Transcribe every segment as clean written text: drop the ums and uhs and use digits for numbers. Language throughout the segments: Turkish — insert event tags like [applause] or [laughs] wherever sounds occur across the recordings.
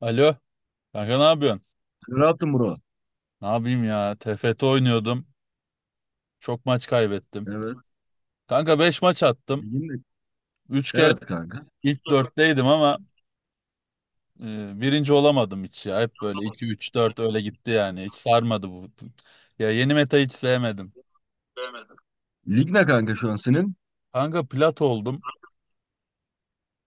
Alo, kanka ne yapıyorsun? Rahatım bro. Ne yapayım ya? TFT oynuyordum. Çok maç kaybettim. Evet. Kanka 5 maç attım. Ligin de- Üç kere Evet kanka. ilk 4'teydim ama birinci olamadım hiç ya. Hep böyle 2, 3, 4 öyle gitti yani. Hiç sarmadı bu. Ya yeni meta hiç sevmedim. Lig ne kanka şu an senin? Kanka plat oldum.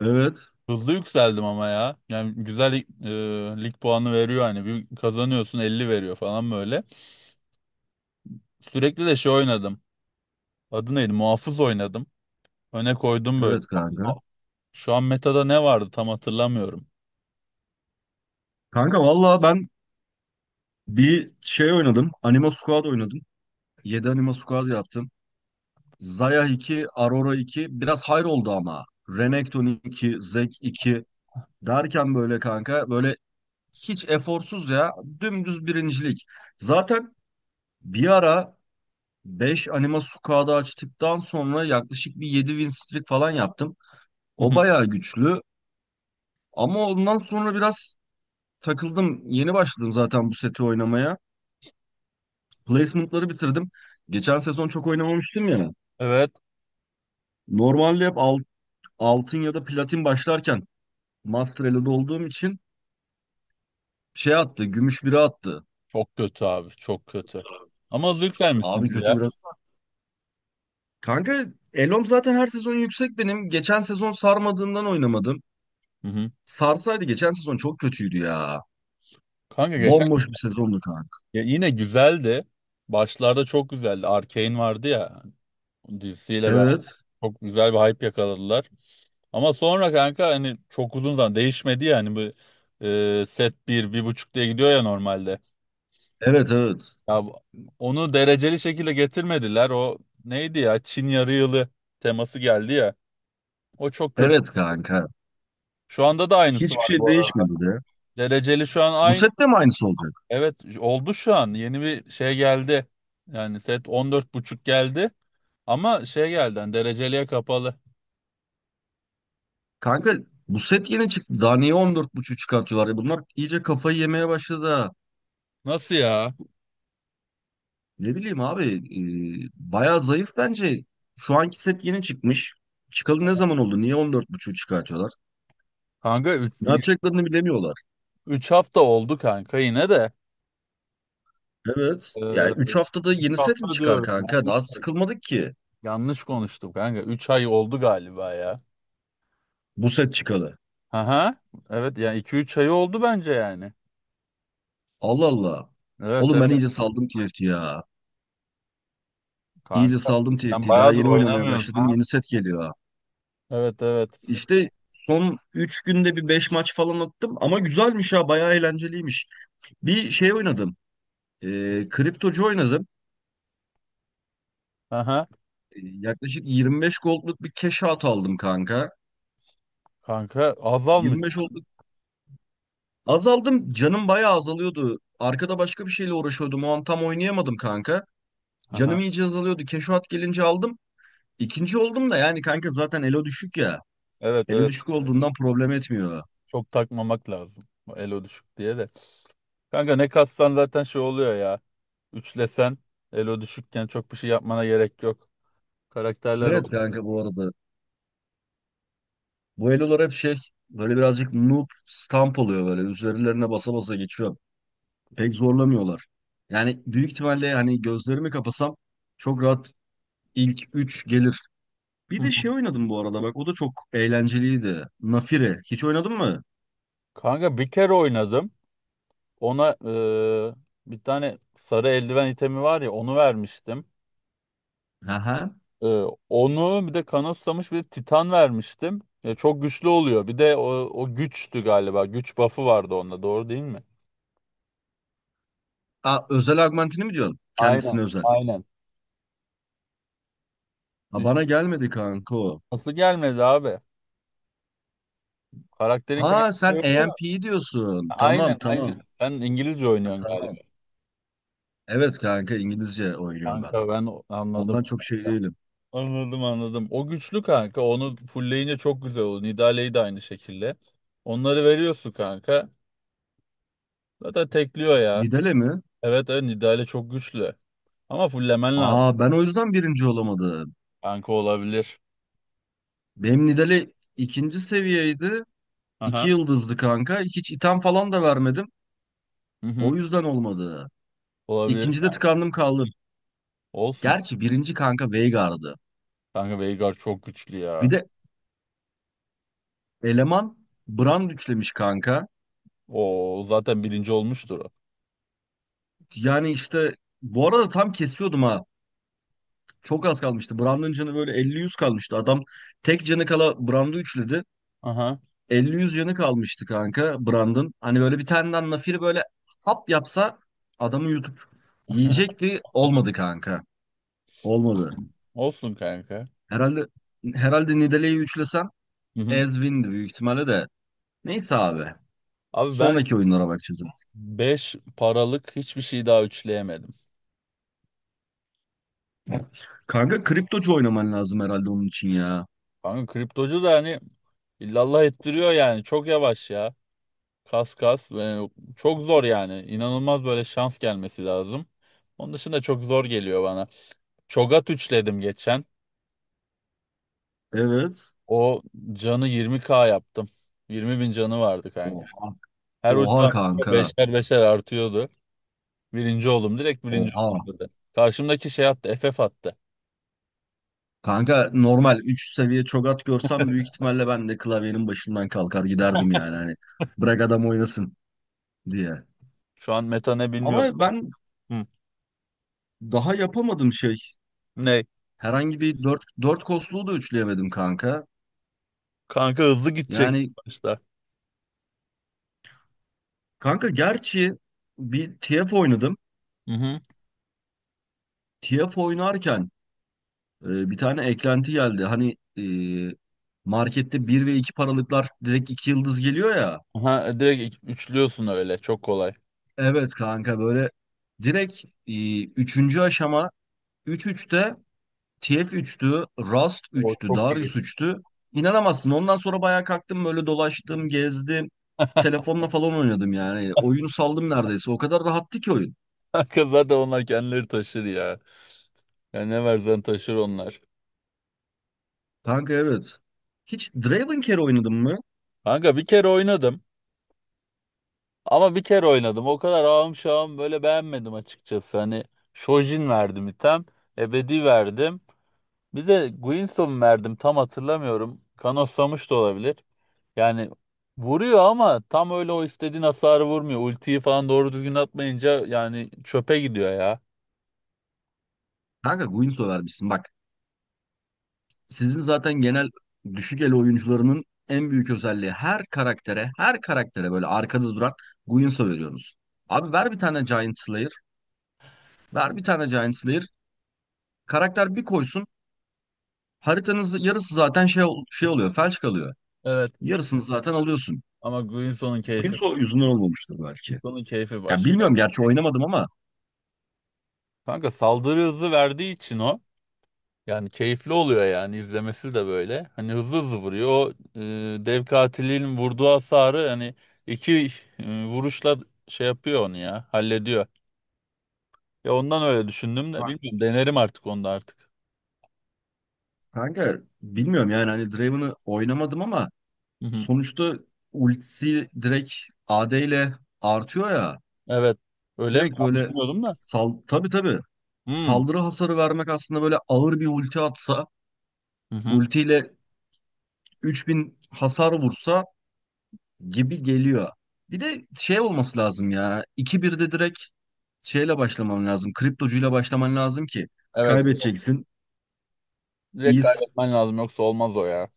Evet. Hızlı yükseldim ama ya. Yani güzel lig puanı veriyor hani. Bir kazanıyorsun 50 veriyor falan böyle. Sürekli de şey oynadım. Adı neydi? Muhafız oynadım. Öne koydum böyle. Evet kanka. Şu an metada ne vardı tam hatırlamıyorum. Kanka valla ben bir şey oynadım. Anima Squad oynadım. 7 Anima Squad yaptım. Zaya 2, Aurora 2. Biraz hayır oldu ama. Renekton 2, Zek iki, derken böyle kanka böyle hiç eforsuz ya. Dümdüz birincilik. Zaten bir ara 5 Anima Squad'ı açtıktan sonra yaklaşık bir 7 win streak falan yaptım. Hı O hı. bayağı güçlü. Ama ondan sonra biraz takıldım. Yeni başladım zaten bu seti oynamaya. Placement'ları bitirdim. Geçen sezon çok oynamamıştım ya. Evet. Normalde hep altın ya da platin başlarken Master Elo'da olduğum için şey attı, gümüş biri attı. Çok kötü abi. Çok kötü. Ama Abi zevklenmişsindir kötü ya. biraz. Kanka Elo'm zaten her sezon yüksek benim. Geçen sezon sarmadığından oynamadım. Hı hı. Sarsaydı geçen sezon çok kötüydü ya. Kanka geçen Bomboş bir sezondu kanka. ya yine güzeldi. Başlarda çok güzeldi. Arcane vardı ya, dizisiyle beraber Evet. çok güzel bir hype yakaladılar. Ama sonra kanka hani çok uzun zaman değişmedi ya, hani bu set bir bir buçuk diye gidiyor ya normalde. Evet evet. Ya bu- onu dereceli şekilde getirmediler. O neydi ya, Çin yarı yılı teması geldi ya. O çok kötü. Evet kanka. Şu anda da aynısı Hiçbir var şey bu arada. değişmedi de. Dereceli şu an Bu aynı. sette mi aynısı olacak? Evet, oldu şu an. Yeni bir şey geldi. Yani set on dört buçuk geldi. Ama şey geldi hani, dereceliye kapalı. Kanka bu set yeni çıktı. Daha niye 14.5 çıkartıyorlar ya? Bunlar iyice kafayı yemeye başladı, ha. Nasıl ya? Ne bileyim abi. Bayağı zayıf bence. Şu anki set yeni çıkmış. Çıkalı ne zaman oldu? Niye 14.5 çıkartıyorlar? Kanka Ne yapacaklarını bilemiyorlar. 3 hafta oldu kanka yine de. Evet. Ee, Yani 3 haftada 3 yeni set mi hafta çıkar diyorum ya. kanka? Üç Daha ay. sıkılmadık ki Yanlış konuştum kanka. Üç ay oldu galiba ya. bu set çıkalı. Aha. Evet yani iki üç ay oldu bence yani. Allah Allah. Evet Oğlum ben evet iyice saldım TFT ya. İyice kanka. saldım Sen TFT. Daha bayağıdır yeni oynamaya başladım. oynamıyorsun. Yeni set geliyor. Evet evet. İşte son 3 günde bir 5 maç falan attım ama güzelmiş ha, bayağı eğlenceliymiş. Bir şey oynadım. Kriptocu oynadım. Aha. Yaklaşık 25 gold'luk bir cash out aldım kanka. Kanka azalmış. 25 oldu. Azaldım. Canım bayağı azalıyordu. Arkada başka bir şeyle uğraşıyordum. O an tam oynayamadım kanka. Aha. Canım iyice azalıyordu. Cash gelince aldım. İkinci oldum da yani kanka zaten elo düşük ya. Evet Elo evet. düşük olduğundan problem etmiyor. Çok takmamak lazım. Bu Elo düşük diye de. Kanka ne kassan zaten şey oluyor ya. Üçlesen elo düşükken çok bir şey yapmana gerek yok. Karakterler o. Evet kanka bu arada. Bu elolar hep şey, böyle birazcık noob stamp oluyor böyle. Üzerlerine basa basa geçiyor. Pek zorlamıyorlar. Yani büyük ihtimalle hani gözlerimi kapasam çok rahat ilk 3 gelir. Hı Bir de hı. şey oynadım bu arada bak, o da çok eğlenceliydi. Nafire. Hiç oynadın mı? Kanka bir kere oynadım. Ona bir tane sarı eldiven itemi var ya, onu vermiştim. Aha. E, onu bir de kanıtsamış bir titan vermiştim. Çok güçlü oluyor. Bir de o güçtü galiba. Güç buff'ı vardı onda, doğru değil mi? Aa, özel augmentini mi diyorsun? Aynen. Kendisine özel. Aynen. Ha, İş- bana gelmedi kanka o. nasıl gelmedi abi? Karakterin Ha, kendisi. sen AMP'yi diyorsun. Aynen Tamam tamam. aynen. Sen İngilizce Ha, oynuyorsun galiba. tamam. Evet kanka, İngilizce oynuyorum ben. Kanka anladım. Ondan çok şey değilim. Anladım anladım. O güçlü kanka. Onu fullleyince çok güzel olur. Nidalee'yi de aynı şekilde. Onları veriyorsun kanka. Zaten tekliyor ya. Nidale mi? Evet evet, Nidale çok güçlü. Ama fulllemen lazım. Aa, ben o yüzden birinci olamadım. Kanka olabilir. Benim Nidalee ikinci seviyeydi. İki Aha. yıldızdı kanka. Hiç item falan da vermedim. Hı O hı. yüzden olmadı. Olabilir. İkincide tıkandım kaldım. Olsun. Gerçi birinci kanka Veigar'dı. Kanka Veigar çok güçlü Bir ya. de eleman Brand üçlemiş kanka. O zaten birinci olmuştur o. Yani işte, bu arada tam kesiyordum ha. Çok az kalmıştı. Brand'ın canı böyle elli yüz kalmıştı. Adam tek canı kala Brand'ı üçledi. Aha. 50-100 yanı kalmıştı kanka Brandon. Hani böyle bir tane nafiri böyle hap yapsa adamı yutup [laughs] yiyecekti. Olmadı kanka. Olmadı. Olsun kanka. Herhalde herhalde Nidalee'yi üçlesem Hı hı. ez win'di büyük ihtimalle de. Neyse abi. Abi ben Sonraki oyunlara bakacağız. 5 paralık hiçbir şey daha üçleyemedim. Kanka kriptocu oynaman lazım herhalde onun için ya. Kanka kriptocu da hani illallah ettiriyor yani. Çok yavaş ya. Kas kas. Çok zor yani. İnanılmaz, böyle şans gelmesi lazım. Onun dışında çok zor geliyor bana. Çogat üçledim geçen. Evet. O canı 20K yaptım. 20 bin canı vardı kanka. Oha. Her ulti Oha attığımda kanka. beşer beşer artıyordu. Birinci oldum. Direkt birinci Oha. oldum dedi. Karşımdaki şey attı. FF attı. Kanka, normal 3 seviye çogat görsem büyük ihtimalle ben de klavyenin başından kalkar giderdim yani. Hani bırak adam oynasın diye. Şu an meta ne bilmiyorum. Ama ben Hı. daha yapamadım şey. Ne? Herhangi bir dört kosluğu da üçleyemedim kanka. Kanka hızlı gidecek Yani başta. kanka gerçi bir TF oynadım. Hı hı. TF oynarken bir tane eklenti geldi. Hani, markette bir ve 2 paralıklar direkt 2 yıldız geliyor ya. Aha, direkt üçlüyorsun öyle. Çok kolay. Evet kanka böyle direkt, 3. aşama üç üçte. TF üçtü, Rust O üçtü, çok Darius iyi. 3'tü. İnanamazsın. Ondan sonra bayağı kalktım, böyle dolaştım, gezdim. Telefonla falan oynadım yani. Oyunu saldım neredeyse. O kadar rahattı ki oyun. Kanka zaten onlar kendileri taşır ya. Ya ne versen taşır onlar. Kanka evet. Hiç Dravencare oynadın mı? Kanka bir kere oynadım. Ama bir kere oynadım. O kadar ağım şağım, böyle beğenmedim açıkçası. Hani Shojin verdim item. Ebedi verdim. Bir de Guinsoo verdim. Tam hatırlamıyorum. Kanoslamış da olabilir. Yani vuruyor ama tam öyle o istediğin hasarı vurmuyor. Ultiyi falan doğru düzgün atmayınca yani çöpe gidiyor ya. Kanka Guinsoo vermişsin. Bak, sizin zaten genel düşük el oyuncularının en büyük özelliği her karaktere, her karaktere böyle arkada duran Guinsoo veriyorsunuz. Abi ver bir tane Giant Slayer, ver bir tane Giant Slayer. Karakter bir koysun, haritanız yarısı zaten şey oluyor, felç kalıyor. Evet. Yarısını zaten alıyorsun. Ama Guinsoo'nun Bu yıl keyfi, yüzünden olmamıştır belki. Guinsoo'nun keyfi Ya başka. bilmiyorum gerçi oynamadım ama. Kanka saldırı hızı verdiği için o, yani keyifli oluyor yani izlemesi de böyle. Hani hızlı hızlı vuruyor. O, dev katilin vurduğu hasarı hani iki vuruşla şey yapıyor onu ya, hallediyor. Ya ondan öyle düşündüm de Ka- bilmiyorum, denerim artık onu da artık. Kanka bilmiyorum yani, hani Draven'ı oynamadım ama Hı hı. sonuçta ultisi direkt AD ile artıyor ya. Evet, öyle mi? Direkt Tam böyle bilmiyordum da. sal tabii tabii, Hmm. saldırı hasarı vermek aslında böyle ağır bir ulti atsa, Hı hı. ultiyle 3000 hasar vursa gibi geliyor. Bir de şey olması lazım ya. 2-1'de direkt şeyle başlaman lazım. Kriptocuyla başlaman lazım ki Evet evet. kaybedeceksin. Direkt İyis. kaybetmen lazım yoksa olmaz o ya.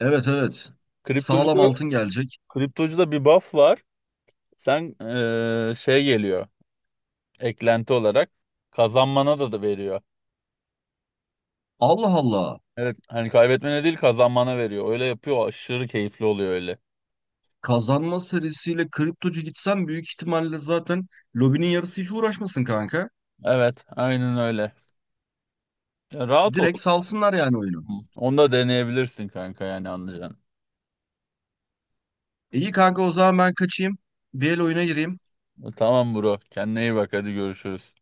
Evet evet. Sağlam Kriptocuda, altın gelecek. kriptocuda bir buff var. Sen şey geliyor eklenti olarak, kazanmana da veriyor. Allah Allah. Evet, hani kaybetmene değil kazanmana veriyor. Öyle yapıyor, aşırı keyifli oluyor öyle. Kazanma serisiyle kriptocu gitsen büyük ihtimalle zaten lobinin yarısı hiç uğraşmasın kanka. Evet, aynen öyle. Ya rahat ol. Direkt salsınlar yani oyunu. Hı. Onu da deneyebilirsin kanka, yani anlayacaksın. İyi kanka, o zaman ben kaçayım. Bir el oyuna gireyim. Tamam bro, kendine iyi bak, hadi görüşürüz.